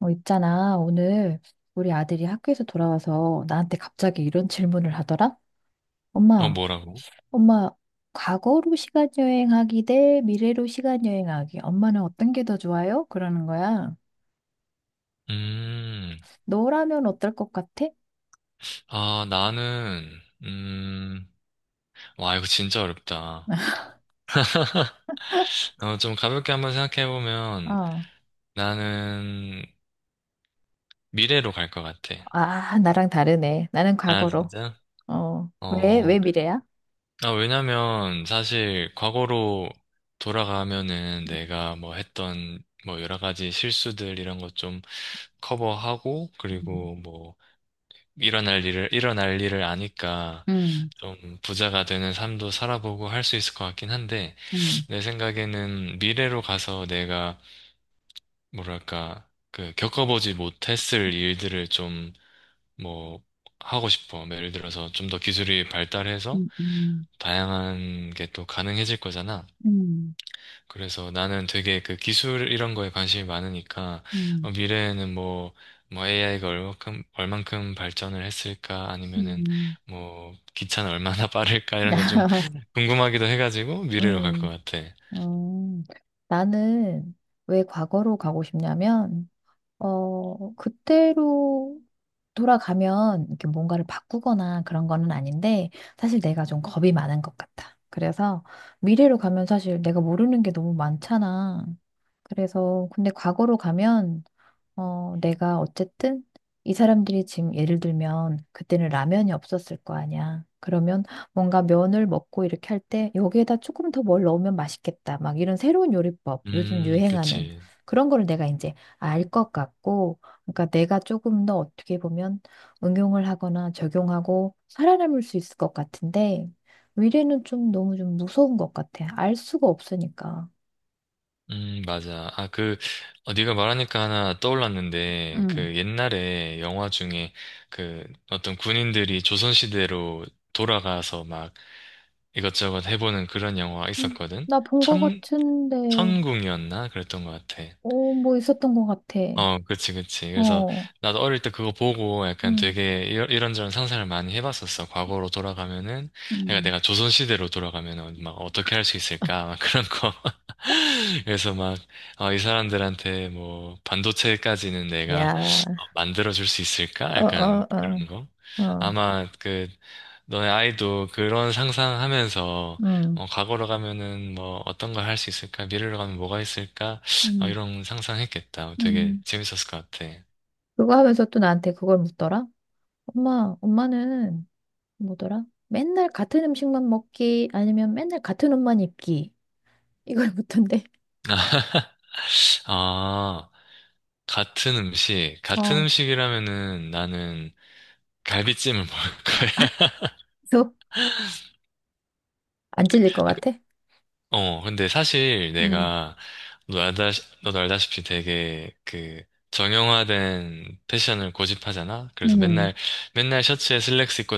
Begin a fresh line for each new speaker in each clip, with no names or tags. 있잖아. 오늘 우리 아들이 학교에서 돌아와서 나한테 갑자기 이런 질문을 하더라.
어,
엄마,
뭐라고?
엄마, 과거로 시간 여행하기 대 미래로 시간 여행하기. 엄마는 어떤 게 더 좋아요? 그러는 거야.
음,
너라면 어떨 것 같아?
아, 나는, 와, 이거 진짜 어렵다. 좀 가볍게 한번 생각해보면,
어.
나는 미래로 갈 것 같아.
아, 나랑 다르네. 나는
아,
과거로.
진짜?
어. 왜
어,
미래야?
아, 왜냐면, 사실, 과거로 돌아가면은 내가 뭐 여러 가지 실수들 이런 것 좀 커버하고,
음,
그리고 뭐, 일어날 일을 아니까,
음,
좀 부자가 되는 삶도 살아보고 할 수 있을 것 같긴 한데,
음,
내 생각에는 미래로 가서 내가 뭐랄까 그 겪어보지 못했을 일들을 좀 뭐 하고 싶어. 뭐 예를 들어서 좀 더 기술이 발달해서
음,
다양한 게 또 가능해질 거잖아.
음,
그래서 나는 되게 그 기술 이런 거에 관심이 많으니까
음, 음.
미래에는 뭐 AI가 얼만큼 발전을 했을까 아니면은
음.
뭐 기차는 얼마나 빠를까 이런 게 좀 궁금하기도 해가지고 미래로 갈 것
음.
같아.
음, 나는 왜 과거로 가고 싶냐면, 그때로 돌아가면 이렇게 뭔가를 바꾸거나 그런 거는 아닌데, 사실 내가 좀 겁이 많은 것 같아. 그래서 미래로 가면 사실 내가 모르는 게 너무 많잖아. 그래서 근데 과거로 가면 내가 어쨌든 이 사람들이 지금 예를 들면 그때는 라면이 없었을 거 아니야. 그러면 뭔가 면을 먹고 이렇게 할 때 여기에다 조금 더 뭘 넣으면 맛있겠다. 막 이런 새로운 요리법, 요즘 유행하는
그치.
그런 거를 내가 이제 알 것 같고, 그러니까 내가 조금 더 어떻게 보면 응용을 하거나 적용하고 살아남을 수 있을 것 같은데, 미래는 좀 너무 좀 무서운 것 같아. 알 수가 없으니까.
맞아. 아, 그, 네가 말하니까 하나 떠올랐는데,
응.
그 옛날에 영화 중에 그 어떤 군인들이 조선시대로 돌아가서 막 이것저것 해보는 그런 영화 있었거든?
나 본 것
천,
같은데.
천궁이었나? 그랬던 것 같아.
어, 뭐 있었던 것 같아.
어, 그치, 그치. 그래서
어,
나도 어릴 때 그거 보고 약간
음,
되게 이런저런 상상을 많이 해봤었어. 과거로 돌아가면은, 그러니까
음,
내가 조선시대로 돌아가면은 막 어떻게 할 수 있을까? 막 그런 거. 그래서 막, 어, 이 사람들한테 뭐, 반도체까지는 내가
야,
어, 만들어줄 수 있을까?
어,
약간
어, 어,
그런 거.
어,
아마 그, 너네 아이도 그런 상상하면서,
음,
어, 과거로 가면은 뭐, 어떤 걸 할 수 있을까? 미래로 가면 뭐가 있을까? 아,
음,
이런 상상했겠다. 되게
음.
재밌었을 것 같아.
그거 하면서 또 나한테 그걸 묻더라. 엄마, 엄마는 뭐더라? 맨날 같은 음식만 먹기 아니면 맨날 같은 옷만 입기 이걸 묻던데.
아, 같은 음식. 같은
어.
음식이라면은 나는 갈비찜을 먹을 거야.
그래서 안 질릴 것
아, 그-
같아?
어, 근데 사실
음,
내가, 너 알다, 너도 알다시피 되게 그, 정형화된 패션을 고집하잖아? 그래서
음,
맨날, 맨날 셔츠에 슬랙스 입고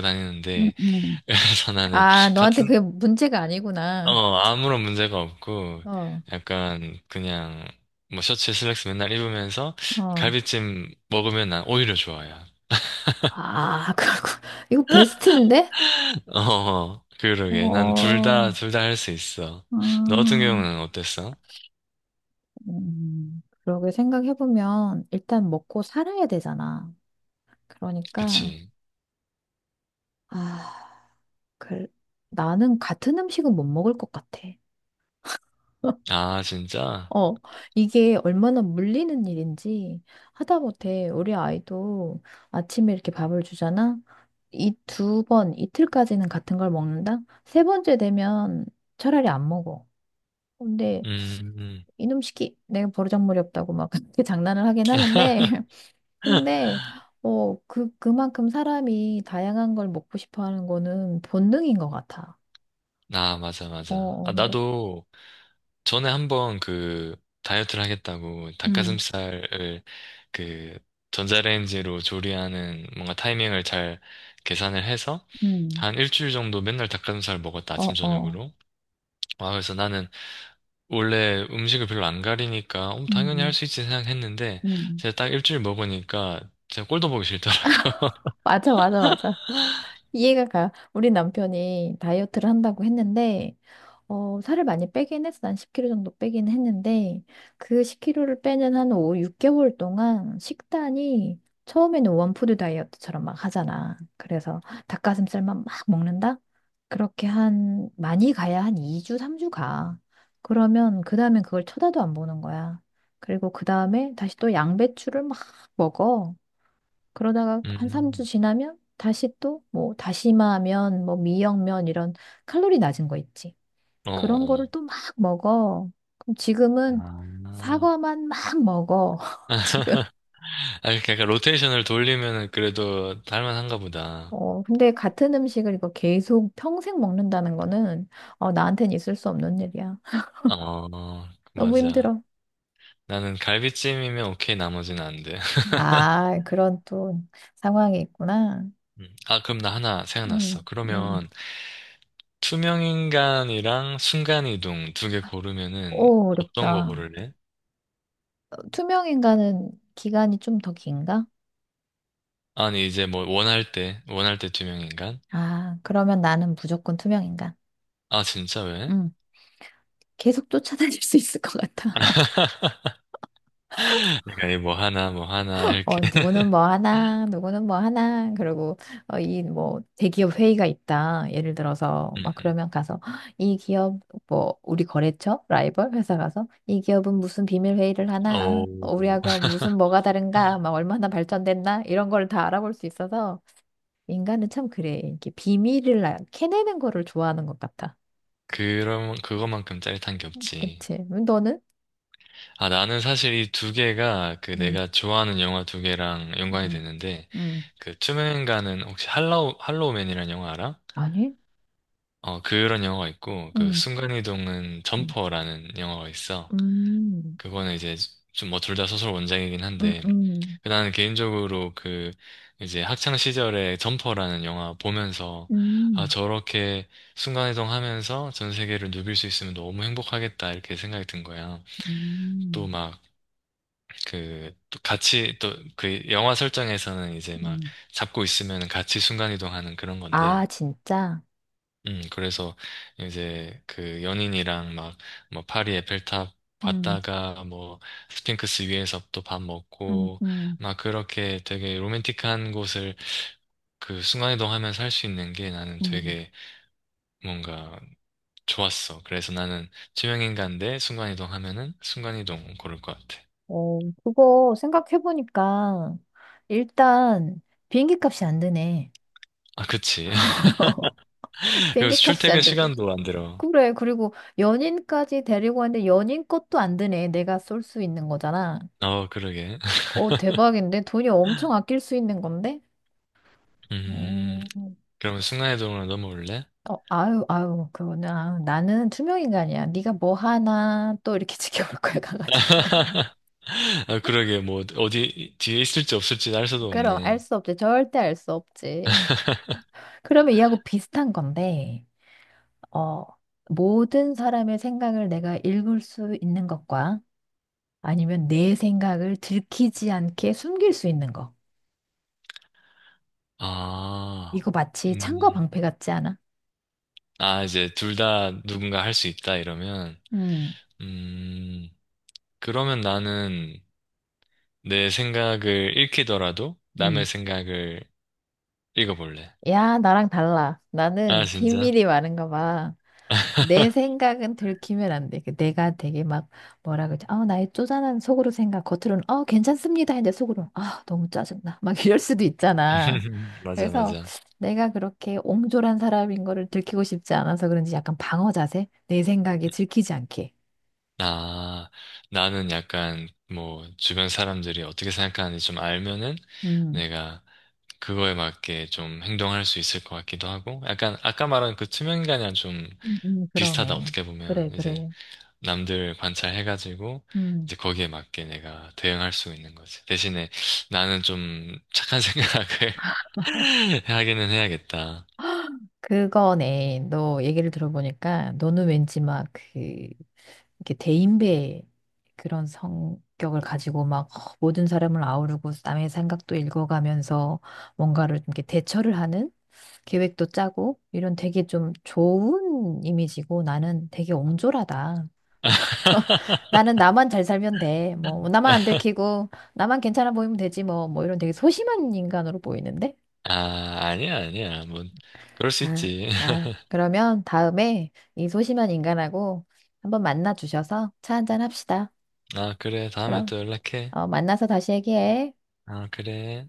음,
다니는데,
음.
그래서 나는
아, 너한테
같은,
그게 문제가 아니구나.
어, 아무런 문제가 없고,
어,
약간, 그냥, 뭐, 셔츠 슬랙스 맨날 입으면서,
어.
갈비찜 먹으면 난 오히려 좋아요.
아, 그렇고 이거 베스트인데?
어, 그러게. 난
어,
둘 다 할 수 있어. 너 같은
음,
경우는 어땠어?
그러게 생각해보면 일단 먹고 살아야 되잖아. 그러니까,
그치.
아, 그, 나는 같은 음식은 못 먹을 것 같아.
아, 진짜?
어, 이게 얼마나 물리는 일인지 하다못해 우리 아이도 아침에 이렇게 밥을 주잖아. 이 두 번, 이틀까지는 같은 걸 먹는다. 세 번째 되면 차라리 안 먹어. 근데
음, 음.
이놈 시키 내가 버르장머리 없다고 막 그렇게 장난을 하긴 하는데 근데 그만큼 사람이 다양한 걸 먹고 싶어 하는 거는 본능인 것 같아.
아, 맞아,
어
맞아. 아,
어, 근데
나도, 전에 한번 그 다이어트를 하겠다고
음,
닭가슴살을 그 전자레인지로 조리하는 뭔가 타이밍을 잘 계산을 해서
음,
한 일주일 정도 맨날 닭가슴살 먹었다
어
아침
어.
저녁으로. 와 그래서 나는 원래 음식을 별로 안 가리니까 어, 당연히 할
음,
수 있지 생각했는데
음,
제가 딱 일주일 먹으니까 제가 꼴도 보기 싫더라.
맞아 맞아 맞아. 이해가 가. 우리 남편이 다이어트를 한다고 했는데 살을 많이 빼긴 했어. 한 10kg 정도 빼긴 했는데, 그 10kg를 빼는 한 5, 6개월 동안 식단이 처음에는 원푸드 다이어트처럼 막 하잖아. 그래서 닭가슴살만 막 먹는다? 그렇게 한, 많이 가야 한 2주, 3주 가. 그러면 그 다음엔 그걸 쳐다도 안 보는 거야. 그리고 그 다음에 다시 또 양배추를 막 먹어. 그러다가 한 3주
음.
지나면 다시 또 뭐 다시마면, 뭐 미역면 이런 칼로리 낮은 거 있지.
어. 어,
그런 거를
어.
또 막 먹어. 그럼 지금은
아.
사과만 막 먹어. 지금.
아, 그러니까 약간 로테이션을 돌리면은 그래도 할 만한가 보다.
어, 근데 같은 음식을 이거 계속 평생 먹는다는 거는, 어, 나한텐 있을 수 없는 일이야.
어,
너무
맞아.
힘들어.
나는 갈비찜이면 오케이, 나머지는 안 돼.
아, 그런 또 상황이 있구나.
아, 그럼 나 하나 생각났어.
음, 음.
그러면 투명인간이랑 순간이동 두 개 고르면은
오,
어떤 거
어렵다.
고를래?
어, 투명 인간은 기간이 좀 더 긴가?
아니, 이제 뭐 원할 때 투명인간?
아, 그러면 나는 무조건 투명 인간.
아, 진짜 왜?
음, 계속 쫓아다닐 수 있을 것 같아.
내가 이 뭐 하나, 뭐 하나, 이렇게.
어, 누구는 뭐 하나, 누구는 뭐 하나, 그리고, 어, 이, 뭐, 대기업 회의가 있다. 예를 들어서, 막,
음.
그러면 가서, "헉, 이 기업, 뭐, 우리 거래처? 라이벌? 회사 가서, 이 기업은 무슨 비밀 회의를
오,
하나? 어, 우리하고 무슨 뭐가 다른가? 막, 얼마나 발전됐나? 이런 걸 다 알아볼 수 있어서, 인간은 참 그래. 이렇게 비밀을 캐내는 거를 좋아하는 것 같아.
그럼, 그거만큼 짜릿한 게 없지.
그치? 너는?
아, 나는 사실 이 두 개가 그
음,
내가 좋아하는 영화 두 개랑 연관이
음,
됐는데,
음,
그 투명인간은 혹시 할로우맨이라는 영화 알아?
아니?
어, 그런 영화가 있고, 그
음,
순간이동은
음,
점퍼라는 영화가 있어.
음,
그거는 이제 좀 뭐 둘 다 소설 원작이긴
음,
한데,
음.
그 나는 개인적으로 그 이제 학창 시절에 점퍼라는 영화 보면서, 아,
음.
저렇게 순간이동하면서 전 세계를 누빌 수 있으면 너무 행복하겠다, 이렇게 생각이 든 거야.
음,
또막 그, 또 같이, 또, 그 영화 설정에서는 이제 막
음.
잡고 있으면 같이 순간이동하는 그런 건데,
아, 진짜?
그래서 이제 그 연인이랑 막, 뭐, 파리 에펠탑
음,
봤다가 뭐, 스핑크스 위에서 또 밥
음,
먹고,
음,
막 그렇게 되게 로맨틱한 곳을 그 순간이동하면서 할 수 있는 게 나는
음.
되게 뭔가 좋았어. 그래서 나는 투명인간데 순간이동하면은 순간이동 고를 것 같아.
어, 그거 생각해보니까, 일단, 비행기 값이 안 드네.
아, 그치. 그리고
비행기 값이
출퇴근
안 들고.
시간도 안 들어.
그래, 그리고 연인까지 데리고 왔는데 연인 것도 안 드네. 내가 쏠 수 있는 거잖아.
어, 그러게.
어, 대박인데? 돈이 엄청 아낄 수 있는 건데?
음,
어,
그러면 나의동으로 넘어올래?
어, 아유, 아유, 그거는, 아유, 나는 투명 인간이야. 네가 뭐 하나 또 이렇게 지켜볼 거야, 가가지고.
아, 그러게, 뭐, 어디, 뒤에 있을지 없을지 알 수도
그럼 알
없네.
수 없지. 절대 알 수 없지. 그러면 이하고 비슷한 건데, 어, 모든 사람의 생각을 내가 읽을 수 있는 것과 아니면 내 생각을 들키지 않게 숨길 수 있는 거.
아,
이거 마치 창과
음,
방패 같지 않아?
아, 이제 둘 다 누군가 할 수 있다, 이러면.
음,
음, 그러면 나는 내 생각을 읽히더라도 남의
음.
생각을 읽어볼래.
야, 나랑 달라.
아,
나는
진짜?
비밀이 많은가 봐. 내 생각은 들키면 안 돼. 그 내가 되게 막 뭐라 그러지? 아, 나의 쪼잔한 속으로 생각, 겉으로는 어, 괜찮습니다. 했는데 속으로는 아, 너무 짜증나. 막 이럴 수도 있잖아.
맞아,
그래서
맞아.
내가 그렇게 옹졸한 사람인 거를 들키고 싶지 않아서 그런지 약간 방어 자세? 내 생각이 들키지 않게.
아, 나는 약간 뭐 주변 사람들이 어떻게 생각하는지 좀 알면은
음.
내가 그거에 맞게 좀 행동할 수 있을 것 같기도 하고 약간 아까 말한 그 투명인간이랑 좀 비슷하다
그러네.
어떻게 보면
그래,
이제
그래.
남들 관찰해가지고
음.
이제 거기에 맞게 내가 대응할 수 있는 거지. 대신에 나는 좀 착한 생각을 하기는 해야겠다.
그거네. 너 얘기를 들어보니까 너는 왠지 막 그, 이렇게 대인배 그런 성격을 가지고 막 모든 사람을 아우르고 남의 생각도 읽어가면서 뭔가를 좀 이렇게 대처를 하는 계획도 짜고 이런 되게 좀 좋은 이미지고 나는 되게 옹졸하다. 나는 나만 잘 살면 돼. 뭐 나만 안 들키고 나만 괜찮아 보이면 되지 뭐 뭐 이런 되게 소심한 인간으로 보이는데?
아, 아니야, 아니야. 뭐, 그럴 수
아,
있지.
아, 그러면 다음에 이 소심한 인간하고 한번 만나 주셔서 차 한잔 합시다.
아, 그래. 다음에
그럼,
또 연락해.
어, 만나서 다시 얘기해.
아, 그래.